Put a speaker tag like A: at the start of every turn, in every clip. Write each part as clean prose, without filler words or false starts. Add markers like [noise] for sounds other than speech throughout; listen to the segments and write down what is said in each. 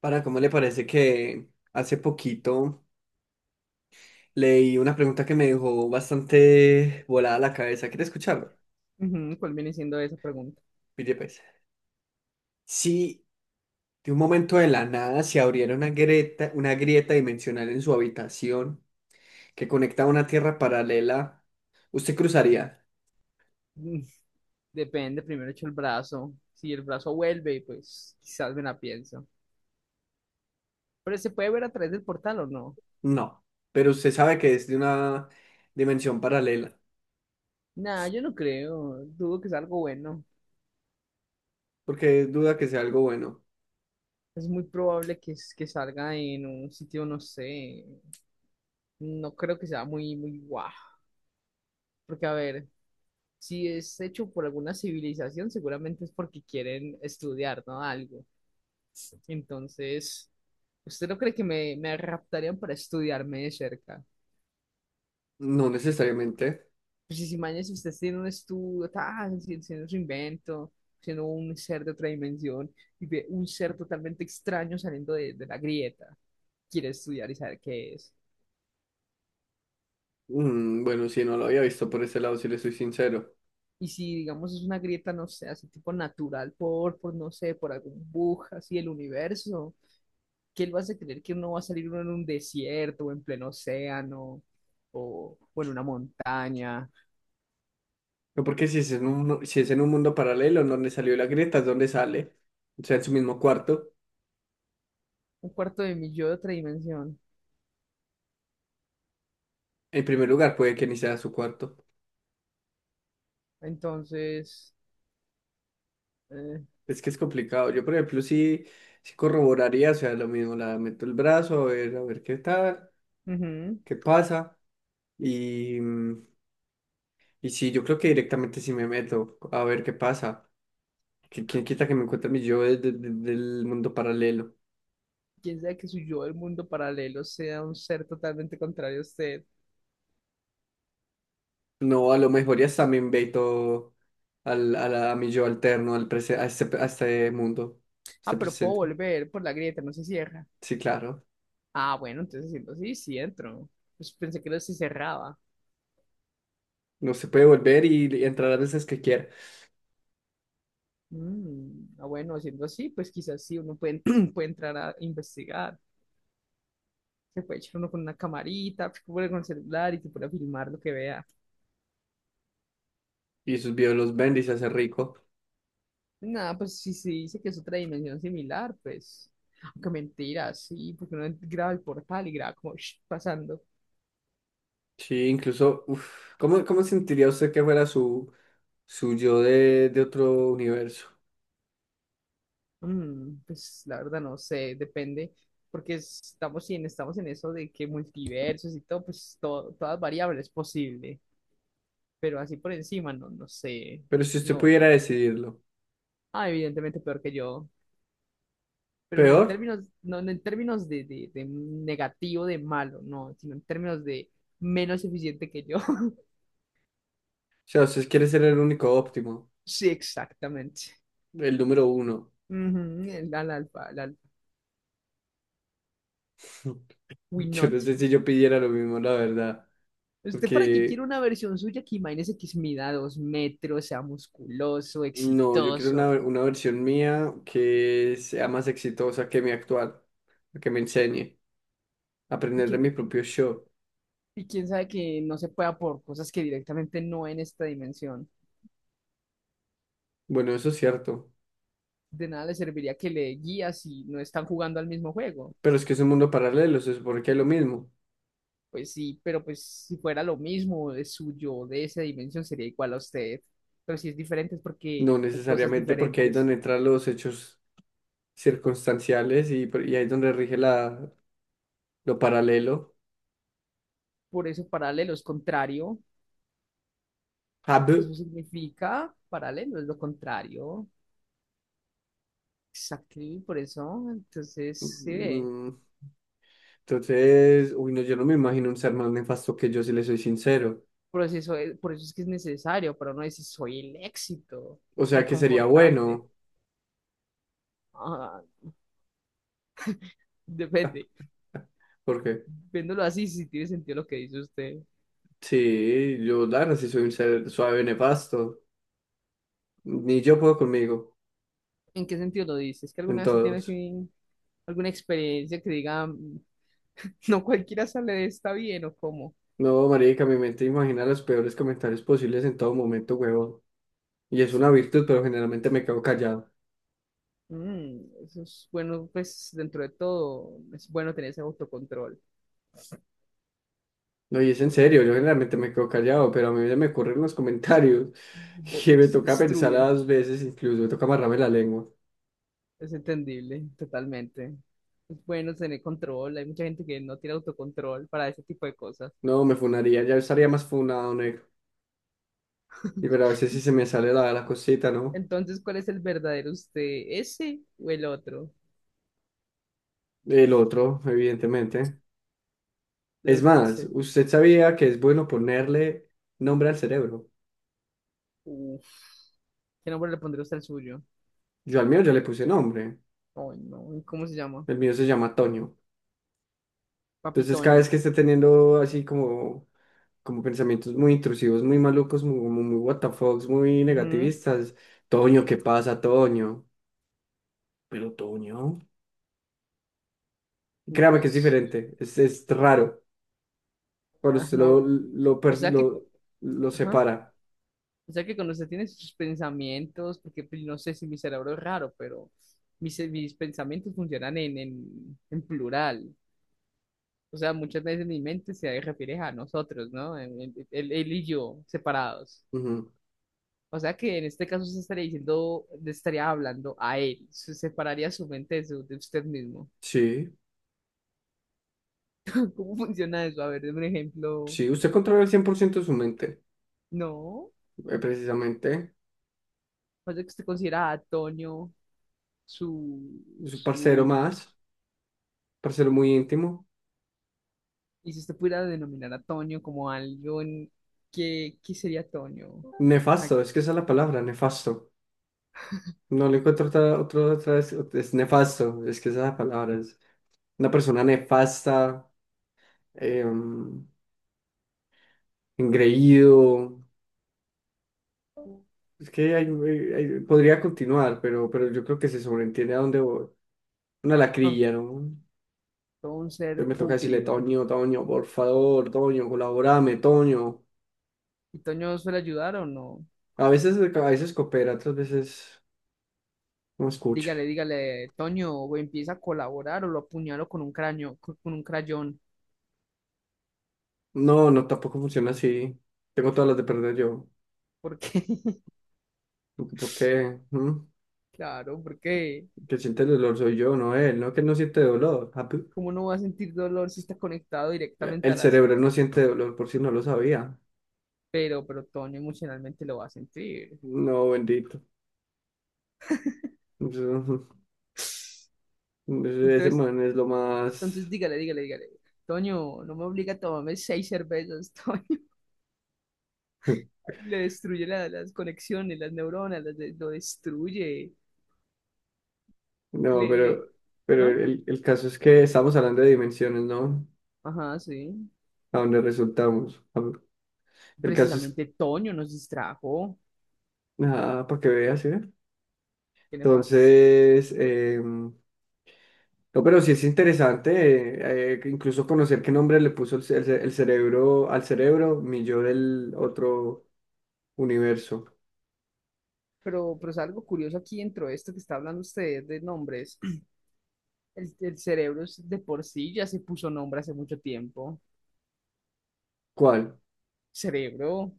A: Para, ¿cómo le parece que hace poquito leí una pregunta que me dejó bastante volada la cabeza? ¿Quiere escucharlo?
B: Ujú. ¿Cuál viene siendo esa pregunta?
A: Pille, pues. Si de un momento de la nada se abriera una grieta dimensional en su habitación que conecta a una tierra paralela, ¿usted cruzaría?
B: Mm, Depende, primero echo el brazo. Si el brazo vuelve, pues quizás me la pienso. Pero ¿se puede ver a través del portal o no?
A: No, pero usted sabe que es de una dimensión paralela,
B: Nah, yo no creo. Dudo que sea algo bueno.
A: porque duda que sea algo bueno.
B: Es muy probable que salga en un sitio, no sé. No creo que sea muy, muy guau. Porque, a ver, si es hecho por alguna civilización, seguramente es porque quieren estudiar, ¿no? Algo. Entonces, ¿usted no cree me raptarían para estudiarme de cerca?
A: No necesariamente.
B: Pues si mañana si usted siendo un estudio, tan, si- siendo su invento, siendo un ser de otra dimensión, y ve un ser totalmente extraño saliendo de la grieta, quiere estudiar y saber qué es.
A: Bueno, si no lo había visto por ese lado, si le soy sincero.
B: Y si, digamos, es una grieta, no sé, así tipo natural, por no sé, por algún bug así del universo, ¿qué él va a hacer creer que uno va a salir uno en un desierto o en pleno océano o en una montaña?
A: No, porque si es en un, no, si es en un mundo paralelo en donde salió la grieta, es donde sale. O sea, en su mismo cuarto.
B: Un cuarto de mi yo de otra dimensión.
A: En primer lugar, puede que ni sea su cuarto.
B: Entonces, eh,
A: Es que es complicado. Yo, por ejemplo, sí, sí corroboraría, o sea, lo mismo, la meto el brazo, a ver qué tal,
B: ujú.
A: qué pasa. Y, mm, y sí, yo creo que directamente sí me meto, a ver qué pasa. Que, ¿quién quita que me encuentre mi yo del mundo paralelo?
B: Quién sabe que su yo del mundo paralelo sea un ser totalmente contrario a usted.
A: No, a lo mejor ya está, me invito a mi yo alterno, a, a este mundo, a este
B: Ah, pero puedo
A: presente.
B: volver por la grieta, no se cierra.
A: Sí, claro.
B: Ah, bueno, entonces siento, sí, sí entro. Pues pensé que no se cerraba.
A: No se puede volver y entrar las veces que quiera.
B: Bueno, siendo así, pues quizás sí uno puede, [clears throat] puede entrar a investigar. Se puede echar uno con una camarita, [smacks lips] puede con el celular y se puede filmar lo que vea.
A: Y sus videos los vende y se hace rico.
B: Nada, pues si se dice que es otra dimensión similar, pues. Aunque mentira, sí, porque uno graba el portal y graba como [smacks lips] pasando.
A: Sí, incluso, uf, ¿cómo, cómo sentiría usted que fuera su, su yo de otro universo?
B: Pues la verdad no sé, depende. Porque estamos en eso de que multiversos y todo, pues todo, todas variables es posible. Pero así por encima, no, no sé.
A: Pero si usted
B: No.
A: pudiera decidirlo,
B: Ah, evidentemente peor que yo. Pero no en
A: peor.
B: términos, no, no en términos de negativo, de malo, no, sino en términos de menos eficiente que yo. [laughs]
A: O sea, usted quiere ser el único óptimo,
B: Sí, exactamente.
A: el número uno.
B: Ujú, el, al alfa, el alfa.
A: [laughs]
B: We
A: Yo no
B: not.
A: sé si yo pidiera lo mismo, la verdad.
B: ¿Usted para qué quiere
A: Porque
B: una versión suya que imagínese que mida 2 metros, sea musculoso,
A: no, yo quiero
B: exitoso,
A: una versión mía que sea más exitosa que mi actual, que me enseñe a
B: y
A: aprender de
B: que
A: mi propio show.
B: y quién sabe que no se pueda por cosas que directamente no en esta dimensión?
A: Bueno, eso es cierto,
B: De nada le serviría que le guías si no están jugando al mismo juego.
A: pero es que es un mundo paralelo, se supone que es lo mismo.
B: Pues sí, pero pues si fuera lo mismo de suyo, de esa dimensión, sería igual a usted. Pero si es diferente es porque
A: No
B: hay cosas
A: necesariamente porque ahí es
B: diferentes.
A: donde entran los hechos circunstanciales y ahí es donde rige lo paralelo.
B: Por eso paralelo es contrario.
A: Hab.
B: Eso significa paralelo, es lo contrario. Exacto, y por eso, entonces,
A: Mm,
B: sí ve.
A: mm. Entonces, uy, no, yo no me imagino un ser más nefasto que yo, si le soy sincero.
B: Por eso, eso es, por eso es que es necesario para uno decir, soy el éxito.
A: O sea que sería
B: Reconfortante.
A: bueno,
B: Ah, depende.
A: porque...
B: Viéndolo así, si tiene sentido lo que dice usted.
A: Sí, yo la verdad sí soy un ser suave nefasto. Ni yo puedo conmigo,
B: ¿En qué sentido lo dices? ¿Es que
A: en
B: alguna vez se tiene
A: todos.
B: así alguna experiencia que diga, "Mm, [laughs] no cualquiera sale de esta bien" o cómo?
A: No, marica, mi mente imagina los peores comentarios posibles en todo momento, huevón. Y es una virtud, pero generalmente me quedo callado.
B: Mm, eso es bueno, pues dentro de todo es bueno tener ese autocontrol
A: No, y es en
B: porque
A: serio, yo generalmente me quedo callado, pero a mí se me ocurren los comentarios [laughs] que me toca pensar
B: destruyen,
A: las veces, incluso me toca amarrarme la lengua.
B: es entendible totalmente. Es bueno tener control, hay mucha gente que no tiene autocontrol para ese tipo de cosas.
A: No, me funaría, ya estaría más funado, negro. Y pero a veces sí
B: [laughs]
A: se me sale la, la cosita, ¿no?
B: Entonces, ¿cuál es el verdadero usted? ¿Ese o el otro?
A: El otro, evidentemente. Es
B: Uy, qué
A: más,
B: sé.
A: ¿usted sabía que es bueno ponerle nombre al cerebro?
B: Uf, ¿qué nombre le pondría usted al suyo?
A: Yo al mío ya le puse nombre.
B: Ay, no, y ¿cómo se llama?
A: El mío se llama Toño. Entonces, cada vez
B: Papitoño.
A: que esté teniendo así como, como pensamientos muy intrusivos, muy malucos, muy, muy, muy what the fucks, muy
B: Ujú.
A: negativistas, Toño, ¿qué pasa, Toño? Pero Toño.
B: No,
A: Créame que es
B: pues.
A: diferente. Es raro. Cuando
B: Ah,
A: usted
B: no, hab- o sea que. Cu-
A: lo
B: Ajá.
A: separa.
B: O sea que cuando usted tiene sus pensamientos, porque pues, no sé si mi cerebro es raro, pero mis pensamientos funcionan en plural. O sea, muchas veces mi mente se refiere a nosotros, ¿no? Él, él y yo, separados.
A: Ujú.
B: O sea que en este caso se estaría diciendo, le estaría hablando a él, se separaría su mente de usted mismo.
A: Sí,
B: [laughs] ¿Cómo funciona eso? A ver, deme un ejemplo.
A: sí, usted controla el 100% de su mente.
B: No,
A: Precisamente.
B: pasa que usted considera a Toño su,
A: Es un parcero
B: su,
A: más. Para ser muy íntimo.
B: y si usted pudiera denominar a Toño como algo en, ¿qué, qué sería Toño? Ah,
A: Nefasto, es que esa es la palabra, nefasto.
B: [laughs]
A: No le encuentro otra, otra, otra vez, es nefasto, es que esa es la palabra, es una persona nefasta, eh, engreído. Es que podría continuar, pero yo creo que se sobreentiende a dónde voy. Una
B: ah,
A: lacrilla, ¿no?
B: todo un
A: Entonces
B: ser
A: me toca decirle,
B: pútrido.
A: Toño, Toño, por favor, Toño, colaborame, Toño.
B: ¿Y Toño suele ayudar o no?
A: A veces coopera, otras veces no escucha.
B: Dígale, dígale, Toño, o empieza a colaborar o lo apuñalo con un cráneo, con un crayón,
A: No, no, tampoco funciona así. Tengo todas las de perder yo.
B: porque [laughs]
A: ¿Por qué? ¿Mm?
B: claro, porque
A: Que siente el dolor soy yo, no él, no que él no siente dolor. Ah, pu-
B: ¿cómo no va a sentir dolor si está conectado directamente a
A: el
B: las...
A: cerebro no siente dolor, por si no lo sabía.
B: Pero Toño emocionalmente lo va a sentir.
A: No, bendito. Eso... [laughs] Ese
B: Entonces,
A: man es lo
B: entonces
A: más...
B: dígale, dígale, dígale. Toño, no me obliga a tomarme 6 cervezas, [laughs] Toño.
A: [laughs]
B: Le destruye las conexiones, las neuronas, las de- lo destruye.
A: No,
B: Le, le...
A: pero
B: ¿Ah?
A: el caso es que estamos hablando de dimensiones, ¿no?
B: Ajá, sí.
A: A donde resultamos. Ah, el caso es...
B: Precisamente Toño nos distrajo.
A: Ah, para que veas, ¿eh?
B: Qué nefasto.
A: Entonces, em, No, pero sí es interesante, incluso conocer qué nombre le puso el cerebro al cerebro, mi yo del otro universo.
B: Pero es algo curioso aquí dentro de esto que está hablando usted de nombres. El cerebro es de por sí ya se puso nombre hace mucho tiempo.
A: ¿Cuál?
B: Cerebro.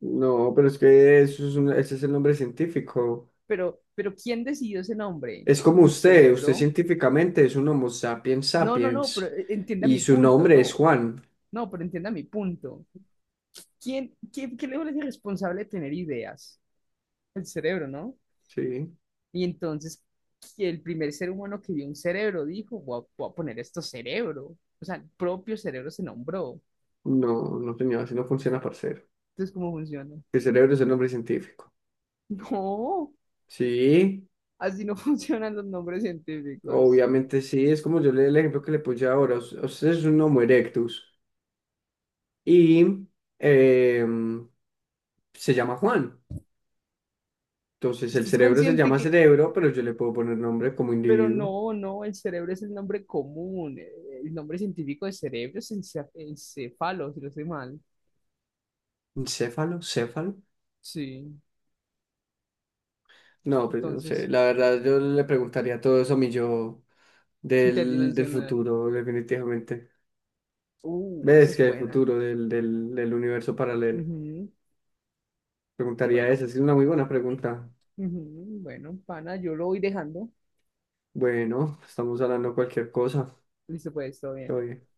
A: No, pero es que eso es un- ese es el nombre científico.
B: Pero ¿quién decidió ese nombre?
A: Es como
B: ¿Un
A: usted, usted
B: cerebro?
A: científicamente es un Homo sapiens
B: No, no, no, pero
A: sapiens
B: entienda
A: y
B: mi
A: su
B: punto,
A: nombre es
B: no.
A: Juan.
B: No, pero entienda mi punto. ¿Quién, quién, qué le es responsable de tener ideas? El cerebro, ¿no?
A: Sí,
B: Y entonces que el primer ser humano que vio un cerebro dijo, voy a poner esto cerebro. O sea, el propio cerebro se nombró.
A: no, no señor, así no funciona, parcero.
B: Entonces, ¿cómo funciona? [laughs]
A: El cerebro es el nombre científico.
B: No,
A: Sí,
B: así no [laughs] funcionan los nombres científicos.
A: obviamente sí, es como yo le el ejemplo que le puse ahora. Usted es un Homo erectus y eh, se llama Juan. Entonces el
B: Usted es
A: cerebro se
B: consciente
A: llama
B: que,
A: cerebro, pero yo le puedo poner nombre como
B: pero
A: individuo.
B: no, no, el cerebro es el nombre común. El nombre científico de cerebro es encéfalo, si no estoy mal.
A: ¿Encéfalo? ¿Céfalo?
B: Sí,
A: No, pues no sé.
B: entonces,
A: La verdad, yo le preguntaría todo eso a mi yo del
B: interdimensional.
A: futuro, definitivamente.
B: Esa
A: ¿Ves
B: es
A: que el
B: buena.
A: futuro del universo paralelo?
B: Ujú,
A: Preguntaría
B: bueno,
A: eso. Es una muy buena pregunta.
B: ujú, bueno, pana, yo lo voy dejando.
A: Bueno, estamos hablando cualquier cosa.
B: Listo, pues, todo
A: Todo
B: bien.
A: bien.